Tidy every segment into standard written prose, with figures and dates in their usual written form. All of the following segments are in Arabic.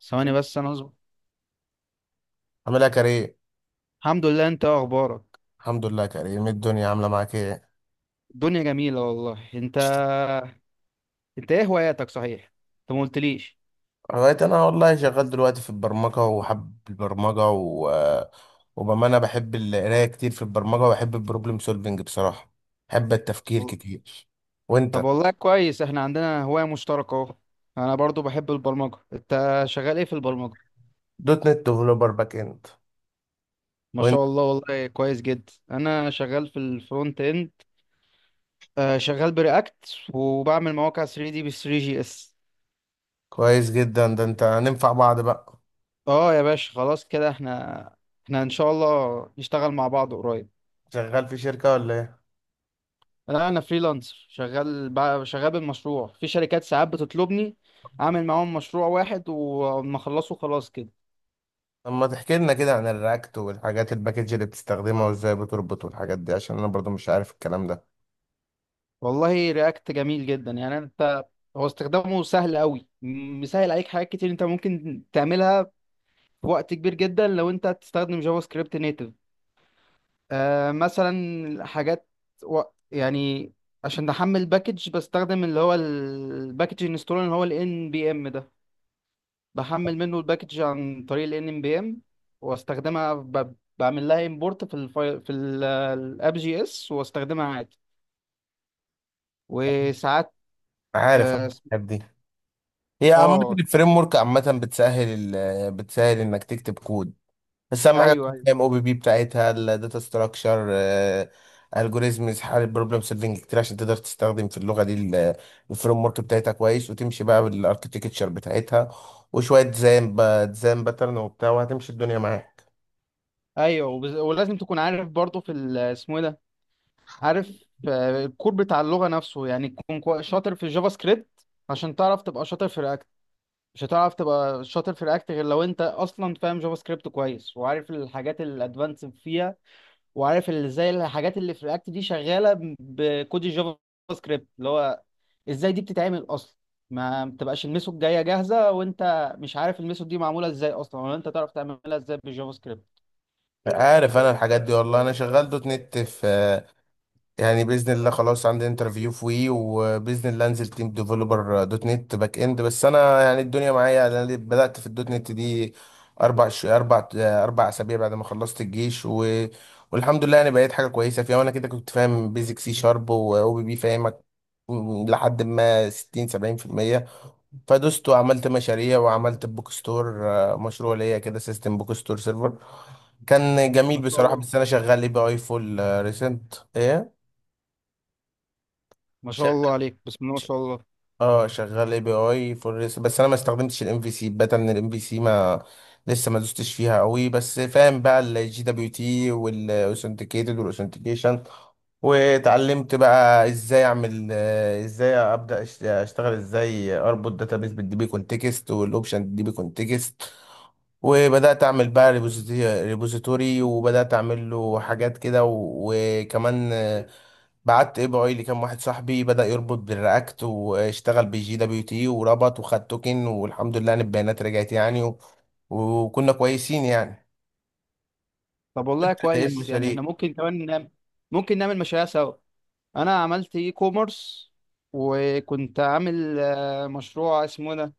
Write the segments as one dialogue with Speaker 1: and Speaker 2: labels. Speaker 1: ثواني بس انا اصبر.
Speaker 2: عامل ايه يا كريم؟
Speaker 1: الحمد لله، انت إيه اخبارك؟
Speaker 2: الحمد لله يا كريم، إيه الدنيا عامله معاك ايه؟
Speaker 1: الدنيا جميله والله. انت ايه هواياتك صحيح؟ انت ما قلتليش.
Speaker 2: بقيت انا والله شغال دلوقتي في البرمجه وحب البرمجه وبامانه بحب القرايه كتير في البرمجه وبحب البروبلم سولفنج بصراحه. بحب التفكير
Speaker 1: و-
Speaker 2: كتير.
Speaker 1: طب
Speaker 2: وانت؟
Speaker 1: والله كويس، احنا عندنا هوايه مشتركه اهو. انا برضو بحب البرمجه، انت شغال ايه في البرمجه؟
Speaker 2: دوت نت ديفلوبر باك اند.
Speaker 1: ما شاء
Speaker 2: وانت؟
Speaker 1: الله، والله كويس جدا. انا شغال في الفرونت اند. آه شغال برياكت وبعمل مواقع 3 دي ب 3 جي اس.
Speaker 2: كويس جدا، ده انت هننفع بعض بقى.
Speaker 1: اه يا باشا خلاص كده احنا ان شاء الله نشتغل مع بعض قريب.
Speaker 2: شغال في شركه ولا ايه؟
Speaker 1: لا انا فريلانسر، شغال بالمشروع في شركات، ساعات بتطلبني اعمل معاهم مشروع واحد وما اخلصه خلاص كده.
Speaker 2: طب ما تحكي لنا كده عن الرياكت والحاجات الباكج اللي بتستخدمها وازاي بتربط والحاجات دي، عشان انا برضو مش عارف الكلام ده.
Speaker 1: والله رياكت جميل جدا يعني. انت هو استخدامه سهل قوي، مسهل عليك حاجات كتير انت ممكن تعملها في وقت كبير جدا لو انت تستخدم جافا سكريبت نيتف. آه مثلا حاجات و... يعني عشان احمل باكج بستخدم اللي هو الباكج انستول اللي هو ال NPM ده، بحمل منه الباكج عن طريق ال NPM، واستخدمها بعمل لها امبورت في الفايل في الاب جي اس واستخدمها عادي. وساعات
Speaker 2: عارف
Speaker 1: اه
Speaker 2: أنا
Speaker 1: اسم-
Speaker 2: الحاجات دي. هي عامة
Speaker 1: آه،
Speaker 2: الفريم ورك عامة بتسهل بتسهل انك تكتب كود. بس اهم حاجة
Speaker 1: ايوه
Speaker 2: تكون
Speaker 1: ايوه.
Speaker 2: فاهم او بي بي بتاعتها، الداتا ستراكشر، الجوريزمز، حل البروبلم سولفنج كتير عشان تقدر تستخدم في اللغة دي الفريم ورك بتاعتها كويس، وتمشي بقى بالاركتكتشر بتاعتها، وشوية ديزاين بقى، ديزاين باترن وبتاع، وهتمشي الدنيا معاك.
Speaker 1: ولازم تكون عارف برضه اسمه ايه ده، عارف آه، الكور بتاع اللغه نفسه، يعني تكون شاطر في الجافا سكريبت عشان تعرف تبقى شاطر في رياكت. مش هتعرف تبقى شاطر في رياكت غير لو انت اصلا فاهم جافا سكريبت كويس، وعارف الحاجات الادفانس فيها، وعارف اللي زي الحاجات اللي في رياكت دي شغاله بكود الجافا سكريبت اللي هو ازاي دي بتتعمل اصلا. ما بتبقاش الميثود جايه جاهزه وانت مش عارف الميثود دي معموله ازاي اصلا، ولا انت تعرف تعملها ازاي بالجافا سكريبت.
Speaker 2: عارف انا الحاجات دي، والله انا شغال دوت نت في، يعني باذن الله خلاص عندي انترفيو في وي، وباذن الله انزل تيم ديفلوبر دوت نت باك اند. بس انا يعني الدنيا معايا، انا بدات في الدوت نت دي اربع ش... اربع اربع اسابيع بعد ما خلصت الجيش والحمد لله، يعني بقيت حاجه كويسه فيها. وانا كده كنت فاهم بيزك سي شارب، واو بي بي فاهمك، لحد ما 60 70%. فدست وعملت مشاريع، وعملت بوك ستور، مشروع ليا كده، سيستم بوك ستور سيرفر. كان جميل
Speaker 1: ما شاء
Speaker 2: بصراحه.
Speaker 1: الله.
Speaker 2: بس انا شغال اي بي اي فول ريسنت ايه،
Speaker 1: ما شاء الله عليك، بسم الله ما
Speaker 2: ش-
Speaker 1: شاء الله.
Speaker 2: اه شغال اي بي اي فور ريس. بس انا ما استخدمتش الام في سي، الباتا من الام في سي ما لسه ما دوستش فيها قوي. بس فاهم بقى الجي دبليو تي والاوثنتيكيتد والاوثنتيكيشن. واتعلمت بقى ازاي اعمل، ازاي ابدا اشتغل، ازاي اربط داتابيس بالديبي كونتكست والاوبشن ديبي كونتكست، وبدات اعمل بقى ريبوزيتوري، وبدات اعمل له حاجات كده وكمان، بعت اي بي اي لكام واحد صاحبي، بدا يربط بالرياكت واشتغل بالجي دبليو تي وربط وخد توكن، والحمد لله ان البيانات رجعت يعني، وكنا كويسين يعني.
Speaker 1: طب والله
Speaker 2: ايه
Speaker 1: كويس، يعني احنا
Speaker 2: المشاريع؟
Speaker 1: ممكن كمان نعمل، ممكن نعمل مشاريع سوا. انا عملت اي كوميرس، وكنت عامل آه، مشروع اسمه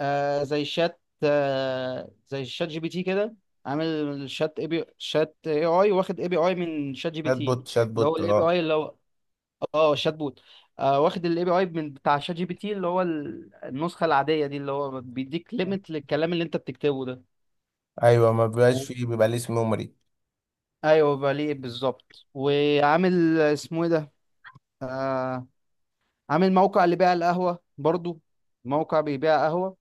Speaker 1: آه زي شات، آه زي شات جي بي تي كده. عامل شات اي بي، شات اي اي، واخد اي بي اي من شات جي بي
Speaker 2: شات
Speaker 1: تي،
Speaker 2: بوت شات
Speaker 1: اللي
Speaker 2: بوت،
Speaker 1: هو الاي بي
Speaker 2: اه.
Speaker 1: اي اللي هو اه شات بوت. آه واخد الاي بي اي من بتاع شات جي بي تي، اللي هو النسخة العادية دي، اللي هو بيديك ليميت للكلام اللي انت بتكتبه ده.
Speaker 2: ايوه، ما بيبقاش
Speaker 1: و...
Speaker 2: فيه، بيبقى ليه اسم ميموري.
Speaker 1: ايوه بليه بالظبط. وعامل اسمه ايه ده، آه، عامل موقع لبيع القهوة برضو، موقع بيبيع قهوة.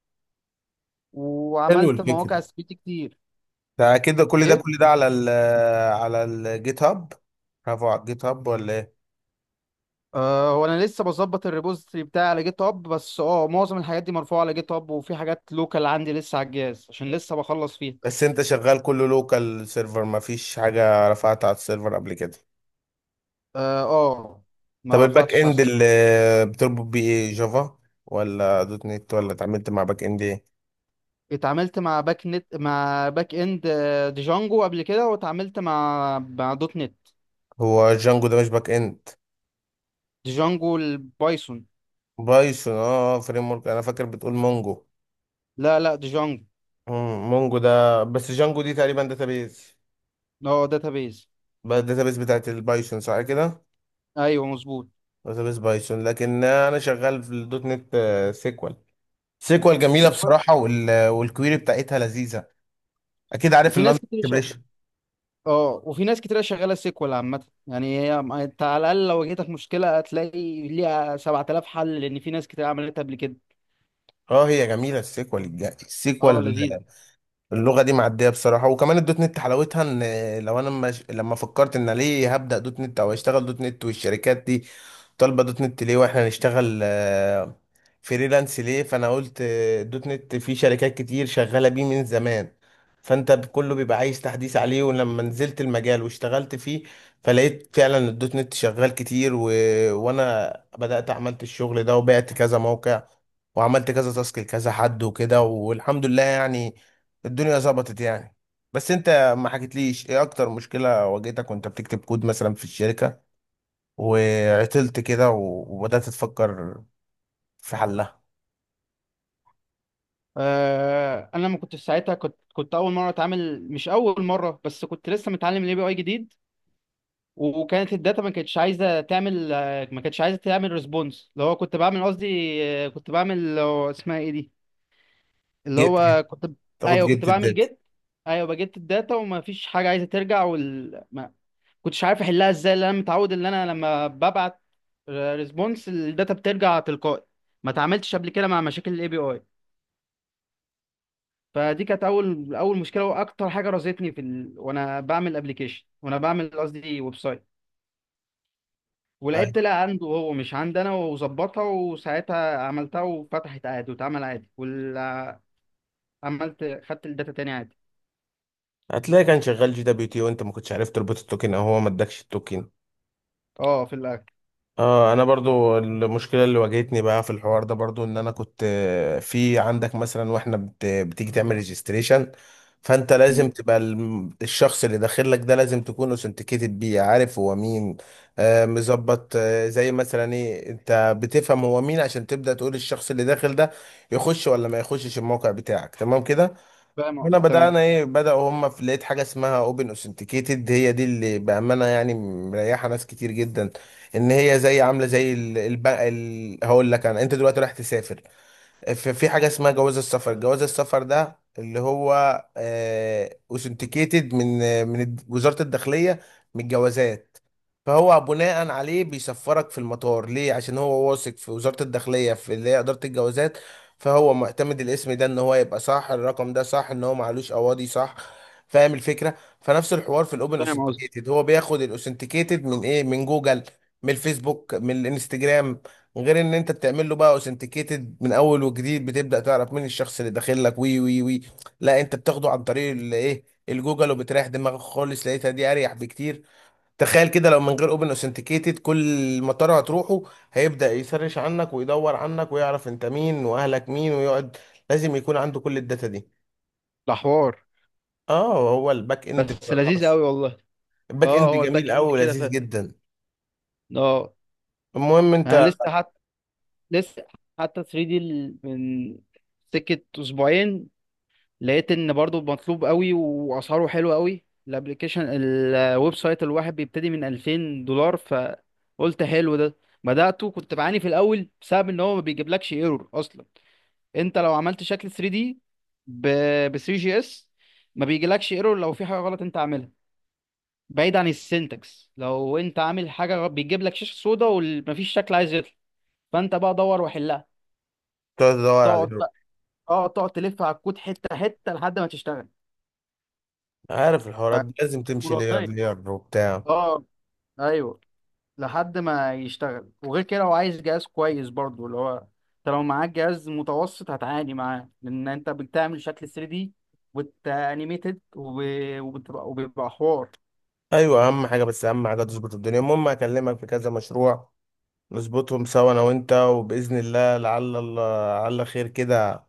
Speaker 2: حلو
Speaker 1: وعملت مواقع
Speaker 2: الفكره.
Speaker 1: سبيتي كتير.
Speaker 2: ده كده كل ده،
Speaker 1: ايه
Speaker 2: كل ده على ال على الجيت هاب؟ برافو، على الجيت هاب ولا ايه؟
Speaker 1: آه، هو انا لسه بظبط الريبوزيتوري بتاعي على جيت هاب، بس اه معظم الحاجات دي مرفوعه على جيت هاب، وفي حاجات لوكال عندي لسه على الجهاز عشان لسه بخلص فيها.
Speaker 2: بس انت شغال كله لوكال سيرفر، ما فيش حاجه رفعتها على السيرفر قبل كده؟
Speaker 1: اه آه،
Speaker 2: طب
Speaker 1: ما
Speaker 2: الباك
Speaker 1: رفعتش على
Speaker 2: اند اللي
Speaker 1: السيرفر.
Speaker 2: بتربط بيه ايه، جافا ولا دوت نت ولا اتعاملت مع باك اند ايه؟
Speaker 1: اتعاملت مع باك نت، مع باك اند آه، ديجانجو قبل كده، واتعاملت مع دوت نت.
Speaker 2: هو جانجو ده مش باك اند؟
Speaker 1: ديجانجو البايثون.
Speaker 2: بايثون، اه فريم ورك، انا فاكر بتقول مونجو.
Speaker 1: لا لا، ديجانجو.
Speaker 2: مونجو ده، بس جانجو دي تقريبا داتابيز.
Speaker 1: اه داتابيز.
Speaker 2: بقى الداتابيز بتاعت البايثون، صح كده؟
Speaker 1: ايوه مظبوط.
Speaker 2: داتابيس بايثون. لكن انا شغال في الدوت نت سيكوال. سيكوال جميله
Speaker 1: سيكوال.
Speaker 2: بصراحه، والكويري بتاعتها لذيذه. اكيد عارف
Speaker 1: وفي
Speaker 2: اللندن
Speaker 1: ناس كتير.
Speaker 2: اكسبريشن.
Speaker 1: اه، وفي ناس كتير شغاله سيكوال عامه، يعني هي انت على الاقل لو جيتك مشكله هتلاقي ليها 7000 حل، لان في ناس كتير عملتها قبل كده.
Speaker 2: اه، هي جميله
Speaker 1: اه
Speaker 2: السيكوال.
Speaker 1: لذيذ.
Speaker 2: اللغه دي معديه بصراحه. وكمان الدوت نت حلاوتها ان، لو انا مش... لما فكرت ان ليه هبدا دوت نت او اشتغل دوت نت، والشركات دي طالبه دوت نت ليه، واحنا نشتغل فريلانس ليه، فانا قلت دوت نت في شركات كتير شغاله بيه من زمان، فانت كله بيبقى عايز تحديث عليه. ولما نزلت المجال واشتغلت فيه، فلقيت فعلا الدوت نت شغال كتير، وانا بدات عملت الشغل ده وبعت كذا موقع، وعملت كذا تاسك لكذا حد وكده، والحمد لله يعني، الدنيا ظبطت يعني. بس انت ما حكيتليش ايه اكتر مشكله واجهتك وانت بتكتب كود مثلا في الشركه وعطلت كده، وبدات تفكر في حلها؟
Speaker 1: آه انا لما كنت في ساعتها كنت اول مره اتعامل، مش اول مره بس كنت لسه متعلم الاي بي اي جديد. وكانت الداتا ما كانتش عايزه تعمل آه، ما كانتش عايزه تعمل ريسبونس، اللي هو كنت بعمل قصدي آه، كنت بعمل آه، اسمها ايه دي، اللي
Speaker 2: جيت
Speaker 1: هو كنت،
Speaker 2: تاخد
Speaker 1: ايوه كنت
Speaker 2: جلد
Speaker 1: بعمل
Speaker 2: الداتا.
Speaker 1: جيت. ايوه بجيت الداتا وما فيش حاجه عايزه ترجع كنتش عارف احلها ازاي، لان انا متعود ان انا لما ببعت ريسبونس الداتا بترجع تلقائي. ما اتعاملتش قبل كده مع مشاكل الاي بي اي. فدي كانت اول مشكله واكتر حاجه رازتني وانا بعمل ابلكيشن وانا بعمل قصدي ويب سايت. ولعبت،
Speaker 2: أيوة.
Speaker 1: طلع عنده هو مش عندي انا، وظبطها وساعتها عملتها وفتحت عادي واتعمل عادي عملت خدت الداتا تاني عادي.
Speaker 2: هتلاقي كان شغال جي دبليو تي، وانت ما كنتش عارف تربط التوكن، او هو ما ادكش التوكن.
Speaker 1: اه في الاخر.
Speaker 2: اه، انا برضو المشكله اللي واجهتني بقى في الحوار ده برضو ان انا كنت، في عندك مثلا، واحنا بتيجي تعمل ريجستريشن، فانت
Speaker 1: مم.
Speaker 2: لازم تبقى الشخص اللي داخل لك ده لازم تكون اوثنتيكيتد بيه، عارف هو مين. مظبط، زي مثلا ايه، انت بتفهم هو مين عشان تبدا تقول الشخص اللي داخل ده يخش ولا ما يخشش الموقع بتاعك، تمام كده.
Speaker 1: فاهم
Speaker 2: هنا
Speaker 1: تمام.
Speaker 2: بدأنا ايه، بدأوا هم في لقيت حاجة اسمها اوبن اوثنتيكيتد، هي دي اللي بأمانة يعني مريحة ناس كتير جدا. ان هي عاملة زي البنك، هقول لك انت دلوقتي رايح تسافر، في حاجة اسمها جواز السفر، جواز السفر ده اللي هو اوثنتيكيتد من، من وزارة الداخلية، من الجوازات. فهو بناء عليه بيسفرك في المطار، ليه؟ عشان هو واثق في وزارة الداخلية، في اللي هي إدارة الجوازات. فهو معتمد الاسم ده ان هو يبقى صح، الرقم ده صح، ان هو معلوش اواضي صح. فاهم الفكرة؟ فنفس الحوار في الاوبن
Speaker 1: فاهم قصدي.
Speaker 2: اوثنتيكيتد، هو بياخد الاوثنتيكيتد من ايه، من جوجل، من الفيسبوك، من الانستجرام، غير ان انت بتعمل له بقى اوثنتيكيتد من اول وجديد بتبدا تعرف مين الشخص اللي داخل لك، وي وي وي لا انت بتاخده عن طريق الايه، الجوجل، وبتريح دماغك خالص. لقيتها دي اريح بكتير. تخيل كده لو من غير اوبن اوثنتيكيتد، كل مطار هتروحه هيبدا يسرش عنك ويدور عنك ويعرف انت مين واهلك مين ويقعد، لازم يكون عنده كل الداتا دي.
Speaker 1: ده حوار
Speaker 2: اه، هو الباك اند
Speaker 1: بس
Speaker 2: بصراحه،
Speaker 1: لذيذ قوي والله.
Speaker 2: الباك
Speaker 1: اه
Speaker 2: اند
Speaker 1: هو
Speaker 2: جميل
Speaker 1: الباك اند
Speaker 2: قوي
Speaker 1: كده
Speaker 2: ولذيذ
Speaker 1: فات.
Speaker 2: جدا.
Speaker 1: اه
Speaker 2: المهم انت،
Speaker 1: انا لسه حتى، لسه 3 دي من سكة اسبوعين لقيت ان برضو مطلوب قوي واسعاره حلوه قوي، الابلكيشن الويب سايت الواحد بيبتدي من $2000. فقلت حلو ده، بدأته كنت بعاني في الاول بسبب ان هو ما بيجيبلكش ايرور اصلا. انت لو عملت شكل 3 دي ب 3 جي اس ما بيجيلكش ايرور لو في حاجه غلط انت عاملها. بعيد عن السنتكس، لو انت عامل حاجه بيجيب لك شاشه سودا ومفيش شكل عايز يطلع. فانت بقى دور وحلها.
Speaker 2: تقعد تدور على
Speaker 1: تقعد
Speaker 2: الهيرو،
Speaker 1: بقى، اه تقعد تلف على الكود حته حته لحد ما تشتغل.
Speaker 2: عارف الحوارات دي لازم تمشي لير
Speaker 1: مرتين،
Speaker 2: لير وبتاع.
Speaker 1: اه ايوه، لحد ما يشتغل. وغير كده لو عايز جهاز كويس برضو، اللي هو انت لو معاك جهاز متوسط هتعاني معاه، لان انت بتعمل شكل 3 دي وانيميتد وبتبقى وبيبقى حوار.
Speaker 2: ايوه، اهم حاجه، بس اهم حاجه تظبط الدنيا. المهم هكلمك في كذا مشروع، نظبطهم سوا انا وانت، وباذن الله لعل الله، لعل خير كده،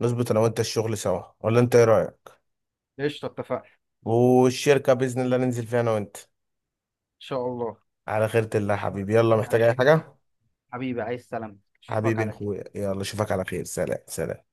Speaker 2: نظبط انا وانت الشغل سوا، ولا انت ايه رايك؟
Speaker 1: قشطه اتفقنا ان
Speaker 2: والشركه باذن الله ننزل فيها انا وانت،
Speaker 1: شاء الله.
Speaker 2: على خيرة الله يا حبيبي. يلا،
Speaker 1: على
Speaker 2: محتاج اي
Speaker 1: خير يا
Speaker 2: حاجه؟
Speaker 1: حبيبي، عايز سلامتك اشوفك
Speaker 2: حبيبي يا
Speaker 1: على خير.
Speaker 2: اخويا، يلا اشوفك على خير، سلام سلام.